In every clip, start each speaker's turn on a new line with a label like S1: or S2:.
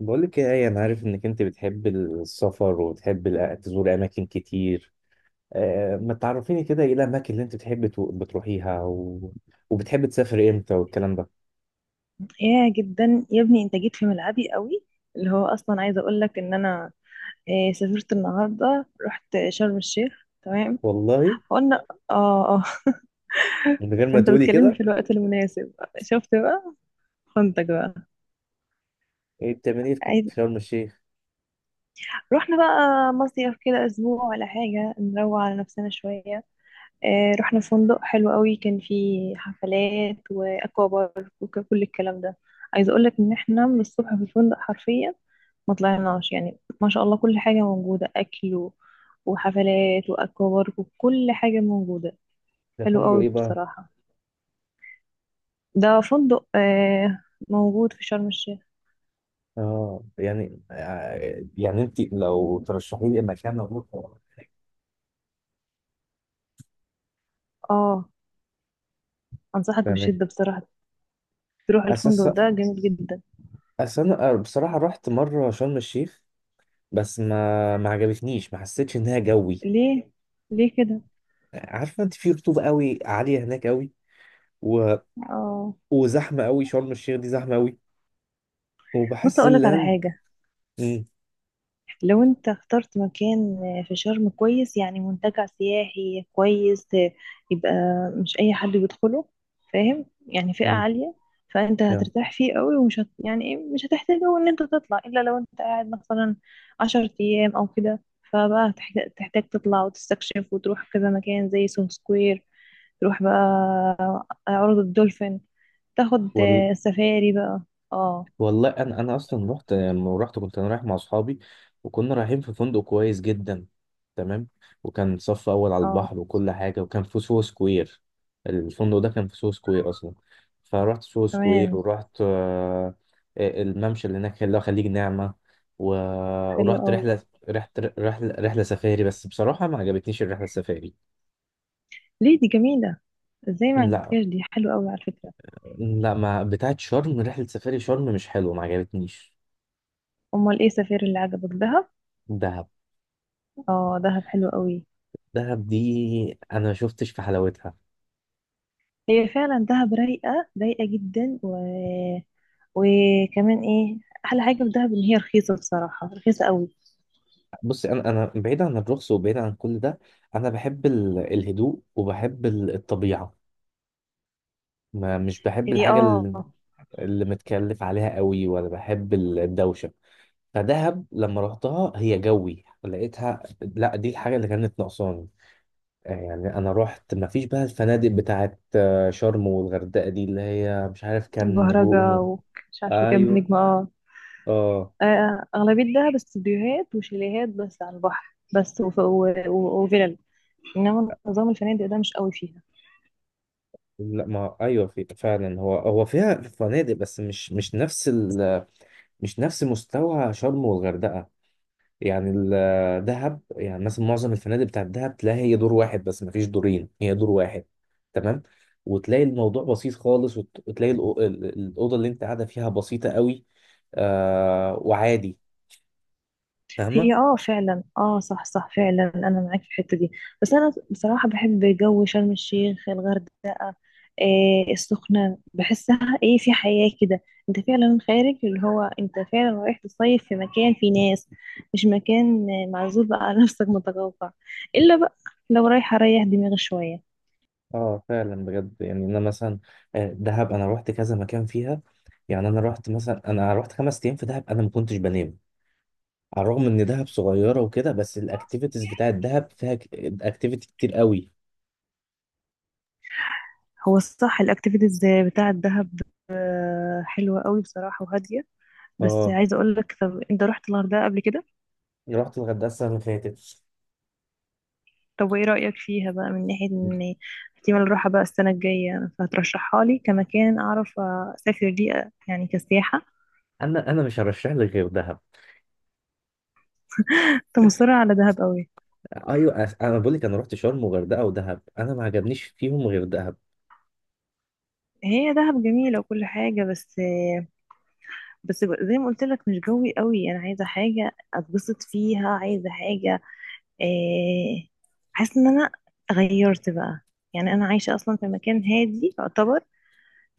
S1: بقولك ايه آية، انا عارف انك انت بتحب السفر وبتحب تزور اماكن كتير. ما تعرفيني كده ايه الاماكن اللي انت بتحب بتروحيها وبتحب تسافر امتى والكلام ده.
S2: يا جدا يا ابني انت جيت في ملعبي قوي. اللي هو اصلا عايزه اقول لك ان انا سافرت النهارده، رحت شرم الشيخ. تمام،
S1: والله،
S2: قلنا اه اه.
S1: من غير ما
S2: انت
S1: تقولي
S2: بتكلمني
S1: كده.
S2: في الوقت المناسب، شفت بقى، خنتك بقى.
S1: بتعملي إيه في كفر
S2: عايز
S1: شرم الشيخ؟
S2: رحنا بقى مصيف كده اسبوع ولا حاجه، نروق على نفسنا شويه. رحنا فندق حلو قوي، كان فيه حفلات واكوا بارك وكل الكلام ده. عايزه اقول لك ان احنا من الصبح في الفندق حرفيا، ما طلعناش، يعني ما شاء الله كل حاجه موجوده، اكل وحفلات واكوا بارك وكل حاجه موجوده.
S1: ده
S2: حلو
S1: فندق
S2: قوي
S1: ايه بقى؟
S2: بصراحه. ده فندق موجود في شرم الشيخ.
S1: يعني انت لو ترشحي لي مكان اروحه.
S2: اه، انصحك
S1: تمام.
S2: بشده بصراحه، تروح
S1: اساس.
S2: الفندق ده جميل جدا.
S1: اصل انا بصراحه رحت مره شرم الشيخ، بس ما عجبتنيش، ما حسيتش انها جوي.
S2: ليه؟ ليه كده؟
S1: عارفه انت في رطوبه قوي عاليه هناك قوي، و...
S2: اه.
S1: وزحمه قوي، شرم الشيخ دي زحمه قوي.
S2: بص
S1: وبحس ان
S2: اقول لك على حاجه،
S1: مم،
S2: لو انت اخترت مكان في شرم كويس، يعني منتجع سياحي كويس، يبقى مش اي حد بيدخله، فاهم؟ يعني فئة
S1: مم،
S2: عالية. فانت
S1: يا.
S2: هترتاح فيه قوي ومش يعني مش هتحتاج أوي ان انت تطلع، الا لو انت قاعد مثلا عشر ايام او كده. فبقى هتحتاج، تطلع وتستكشف وتروح كذا مكان زي سون سكوير، تروح بقى عروض الدولفين، تاخد
S1: وال...
S2: سفاري بقى. اه
S1: والله انا اصلا رحت. لما رحت كنت انا رايح مع اصحابي، وكنا رايحين في فندق كويس جدا، تمام، وكان صف اول على البحر
S2: اه،
S1: وكل حاجه، وكان في سوهو سكوير. الفندق ده كان في سوهو سكوير اصلا، فرحت سوهو سكوير،
S2: كمان
S1: ورحت الممشى اللي هناك اللي هو خليج نعمه و-
S2: حلو
S1: ورحت
S2: قوي.
S1: رحله. رحت رحله سفاري، بس بصراحه ما عجبتنيش الرحله السفاري.
S2: ليه؟ دي جميلة، ازاي ما
S1: لا،
S2: عجبتكش؟ دي حلوة قوي على فكرة.
S1: لا، ما بتاعت شرم، رحله سفاري شرم مش حلوه، ما عجبتنيش.
S2: امال ايه سفير اللي عجبك؟ دهب؟
S1: دهب.
S2: اه دهب حلو قوي.
S1: دهب دي انا ما شفتش في حلاوتها.
S2: هي فعلا دهب رايقة رايقة جدا وكمان ايه، احلى حاجة في دهب ان هي رخيصة، بصراحة رخيصة قوي.
S1: بص، انا بعيد عن الرخص وبعيد عن كل ده، انا بحب الهدوء وبحب الطبيعه. ما مش بحب
S2: هي
S1: الحاجه اللي، اللي متكلف عليها قوي، ولا بحب الدوشه. فدهب لما رحتها هي جوي، لقيتها لا، دي الحاجه اللي كانت ناقصاني. يعني انا رحت، ما فيش بقى الفنادق بتاعت شرم والغردقه دي اللي هي مش عارف كام
S2: البهرجة
S1: نجوم.
S2: ومش عارفة كام
S1: ايوه.
S2: نجمة.
S1: اه.
S2: اه. أغلبية دهب استوديوهات وشاليهات بس على البحر بس، وفلل. إنما نظام الفنادق ده مش قوي فيها.
S1: لا، ما، ايوه، في فعلا، هو فيها فنادق، بس مش نفس مش نفس مستوى شرم والغردقه. يعني دهب، يعني مثلا معظم الفنادق بتاعت دهب تلاقي هي دور واحد بس، مفيش دورين، هي دور واحد، تمام، وتلاقي الموضوع بسيط خالص، وتلاقي الاوضه اللي انت قاعده فيها بسيطه قوي، آه، وعادي، فاهمه.
S2: هي فعلا، اه صح صح، فعلا انا معاك في الحته دي. بس انا بصراحه بحب جو شرم الشيخ، الغردقه، إيه السخنه، بحسها ايه في حياه كده. انت فعلا خارج، اللي هو انت فعلا رايح تصيف في مكان فيه ناس، مش مكان معزول بقى على نفسك، متقوقع. الا بقى لو رايح اريح دماغي شويه.
S1: اه فعلا، بجد. يعني انا مثلا، دهب انا رحت كذا مكان فيها. يعني انا رحت 5 ايام في دهب، انا ما كنتش بنام. على الرغم ان دهب صغيره وكده، بس الاكتيفيتيز بتاعت دهب فيها اكتيفيتي كتير قوي.
S2: هو الصح الاكتيفيتيز بتاع الدهب حلوه قوي بصراحه، وهاديه. بس
S1: اه،
S2: عايزه اقول لك، طب انت رحت الغردقه قبل كده؟
S1: رحت الغردقه السنه اللي فاتت.
S2: طب وايه رأيك فيها بقى، من ناحية ان احتمال اروحها بقى السنة الجاية، فهترشحها لي كمكان اعرف اسافر ليه، يعني كسياحة؟
S1: انا مش هرشح لك غير دهب.
S2: كنت مصرة على دهب قوي.
S1: ايوه، انا بقول لك، انا رحت شرم وغردقه ودهب، انا ما عجبنيش فيهم غير دهب.
S2: هي دهب جميلة وكل حاجة، بس زي ما قلت لك، مش جوي قوي. انا عايزة حاجة اتبسط فيها، عايزة حاجة، إيه، حاسة ان انا غيرت بقى. يعني انا عايشة اصلا في مكان هادي يعتبر،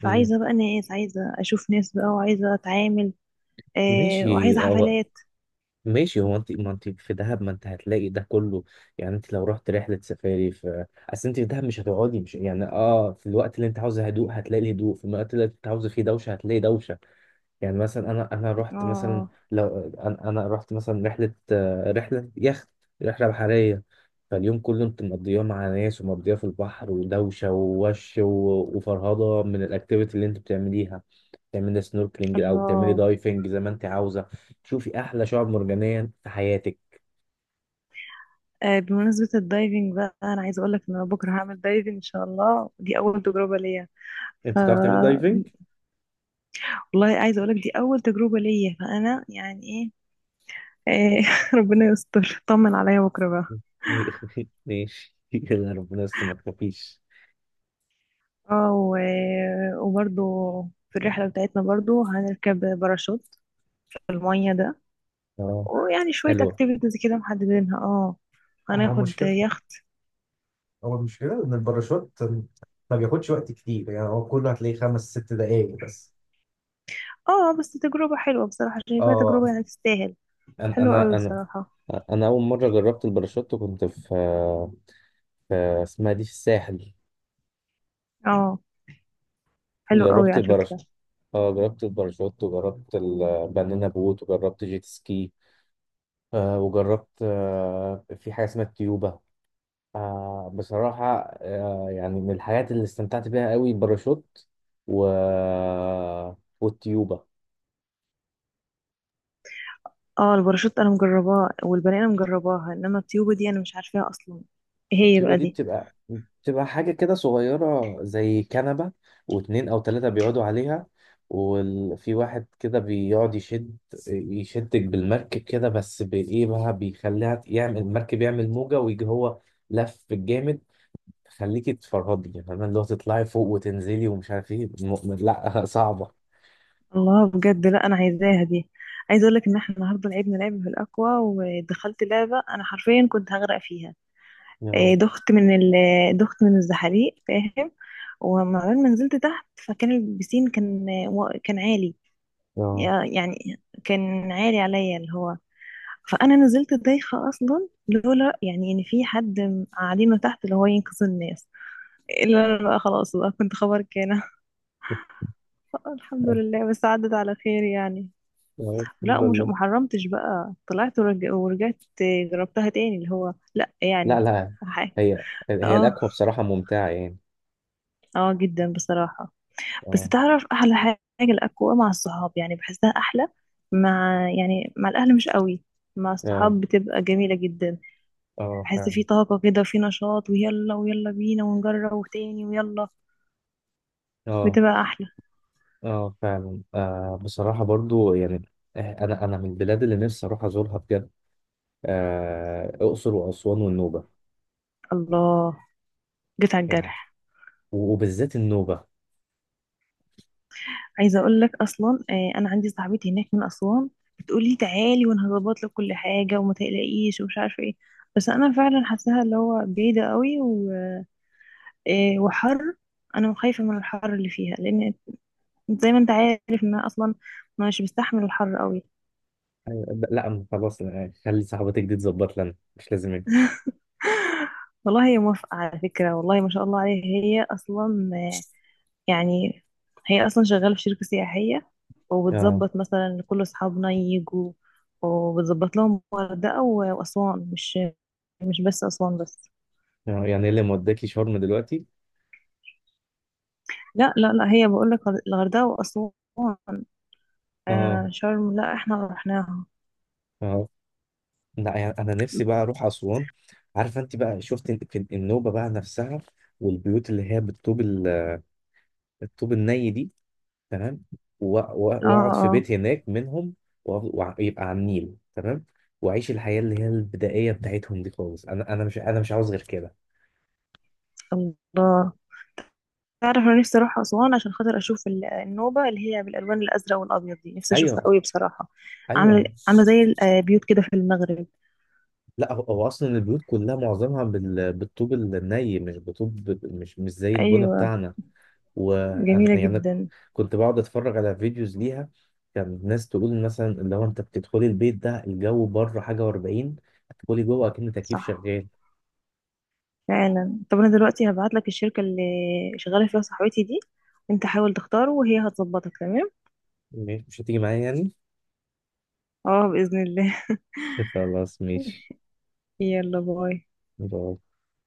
S1: مم.
S2: بقى ناس، عايزة اشوف ناس بقى، وعايزة اتعامل،
S1: ماشي.
S2: وعايزة
S1: هو
S2: حفلات.
S1: ماشي هو انت، ما انت في دهب ما انت هتلاقي ده كله. يعني انت لو رحت رحله سفاري، في اصل انت في دهب مش هتقعدي، مش يعني، اه، في الوقت اللي انت عاوزه هدوء هتلاقي هدوء، في الوقت اللي انت عاوزه فيه دوشه هتلاقي دوشه. يعني مثلا انا رحت مثلا،
S2: اه.
S1: لو انا رحت مثلا رحله يخت، رحله بحريه، فاليوم كله انت مقضياه مع ناس، ومقضياه في البحر ودوشه ووش وفرهضه من الاكتيفيتي اللي انت بتعمليها. تعملي سنوركلينج او بتعملي
S2: الله.
S1: دايفنج زي ما انت عاوزه، شوفي احلى شعاب مرجانيه في حياتك.
S2: بمناسبة الدايفنج بقى، أنا عايزة أقولك إن أنا بكرة هعمل دايفنج إن شاء الله، دي أول تجربة ليا. ف
S1: انت بتعرف تعملي دايفنج؟
S2: والله عايزة أقولك دي أول تجربة ليا، فأنا يعني إيه آه، ربنا يستر، طمن عليا بكرة بقى.
S1: ماشي، يلا، ربنا يستر، ما تخافيش.
S2: اه. وبرضو في الرحلة بتاعتنا برضو هنركب باراشوت في المية ده.
S1: اه،
S2: ويعني شوية
S1: حلوه.
S2: اكتيفيتيز كده محددينها. اه،
S1: هو
S2: هناخد
S1: مشكلة،
S2: يخت.
S1: هو المشكلة إن الباراشوت ما بياخدش وقت كتير، يعني هو كله هتلاقيه 5 6 دقايق بس.
S2: اه، بس تجربة حلوة بصراحة، شايفاها
S1: اه.
S2: تجربة يعني تستاهل.
S1: انا
S2: حلوة أوي
S1: انا انا
S2: بصراحة.
S1: انا اول مره جربت الباراشوت كنت في في اسمها دي في الساحل،
S2: اه حلو قوي
S1: جربت
S2: على
S1: الباراشوت.
S2: فكرة.
S1: اه، جربت الباراشوت وجربت البنانا بوت وجربت جيت سكي، وجربت، في حاجه اسمها التيوبه. بصراحه، يعني من الحاجات اللي استمتعت بيها قوي الباراشوت و والتيوبه.
S2: اه، الباراشوت انا مجرباه والبنانه مجرباها، انما الطيوبه دي انا مش عارفاها اصلا، ايه هي
S1: التيوبه
S2: بقى
S1: دي
S2: دي؟
S1: بتبقى، تبقى حاجة كده صغيرة زي كنبة، واتنين أو تلاتة بيقعدوا عليها، وفي واحد كده بيقعد يشد، يشدك بالمركب، كده بس بإيه بقى، بيخليها يعمل المركب يعمل موجة، ويجي هو لف جامد، تخليكي تفرهدي، يعني فاهمة اللي هو تطلعي فوق وتنزلي ومش عارف ايه لا صعبة.
S2: الله، بجد؟ لا انا عايزاها دي. عايزه اقول لك ان احنا النهارده لعبنا لعبه في الاكوا، ودخلت لعبه انا حرفيا كنت هغرق فيها.
S1: يا،
S2: إيه، دخت من ال آه، دخت من الزحاليق فاهم، ما نزلت تحت، فكان البسين كان كان عالي،
S1: يا،
S2: يعني كان عالي عليا اللي هو، فانا نزلت دايخه اصلا، لولا يعني ان في حد قاعدينه تحت اللي هو ينقذ الناس. لا لا لا، خلاص بقى كنت خبرك هنا. الحمد لله بس، عدت على خير يعني.
S1: يا،
S2: لا،
S1: الحمد
S2: ومش
S1: لله.
S2: محرمتش بقى، طلعت ورجعت، جربتها تاني، اللي هو لا
S1: لا،
S2: يعني
S1: لا،
S2: حاجة.
S1: هي
S2: اه.
S1: الأكوا بصراحة ممتعة يعني.
S2: اه جدا بصراحة. بس
S1: اه.
S2: تعرف احلى حاجة؟ الاكوا مع الصحاب يعني بحسها احلى، مع يعني الاهل مش قوي، مع
S1: اه،
S2: الصحاب بتبقى جميلة جدا.
S1: اه
S2: بحس
S1: فعلا.
S2: في طاقة كده، وفي نشاط، ويلا ويلا بينا ونجرب تاني، ويلا،
S1: اه،
S2: بتبقى احلى.
S1: اه فعلا، بصراحة، برضو يعني، انا من البلاد اللي نفسي اروح ازورها بجد، آه الاقصر واسوان والنوبة.
S2: الله، جيت على
S1: يعني،
S2: الجرح.
S1: وبالذات النوبة.
S2: عايزه اقول لك، اصلا انا عندي صاحبتي هناك من اسوان، بتقولي تعالي وانا هظبط لك كل حاجه، وما تقلقيش ومش عارفه ايه. بس انا فعلا حاساها اللي هو بعيده قوي و... آه، وحر، انا خايفه من الحر اللي فيها، لان زي ما انت عارف ان انا اصلا مش بستحمل الحر قوي.
S1: أيوة، لا خلاص، خلي صاحبتك دي تظبط لنا، مش لازم انت.
S2: والله هي موافقه على فكره، والله ما شاء الله عليها، يعني هي اصلا شغاله في شركه سياحيه،
S1: اه.
S2: وبتظبط مثلا كل اصحابنا يجوا، وبتظبط لهم الغردقه واسوان، مش بس اسوان بس.
S1: يعني إيه اللي موداكي شرم دلوقتي؟
S2: لا لا لا، هي بقول لك الغردقه واسوان. آه
S1: اه.
S2: شرم لا، احنا رحناها.
S1: اه. لا يعني انا نفسي بقى اروح اسوان. عارفة انت بقى، شفت في النوبة بقى نفسها، والبيوت اللي هي بالطوب الطوب الني دي، تمام،
S2: اه
S1: واقعد في
S2: اه،
S1: بيت هناك منهم، ويبقى على النيل، تمام، واعيش الحياه اللي هي البدائيه بتاعتهم دي خالص. انا مش عاوز غير كده.
S2: الله. تعرف انا نفسي اروح اسوان، عشان خاطر اشوف النوبه اللي هي بالالوان الازرق والابيض دي، نفسي اشوفها
S1: ايوه.
S2: قوي بصراحه. عامله
S1: ايوه.
S2: عامله زي البيوت كده في المغرب.
S1: لا، هو اصلا البيوت كلها معظمها بالطوب الني، مش بطوب، مش زي البنا
S2: ايوه.
S1: بتاعنا.
S2: جميله
S1: وانا يعني أنا
S2: جدا.
S1: كنت بقعد اتفرج على فيديوز ليها، كان ناس تقول مثلا اللي هو انت بتدخلي البيت ده الجو بره حاجه و40، تدخلي جوه اكن تكييف
S2: صح،
S1: شغال.
S2: فعلا. طب انا دلوقتي هبعت لك الشركة اللي شغالة فيها صاحبتي دي، انت حاول تختاره وهي هتظبطك. تمام.
S1: مش هتيجي معايا يعني؟
S2: اه بإذن الله.
S1: خلاص، ماشي،
S2: يلا باي.
S1: باي.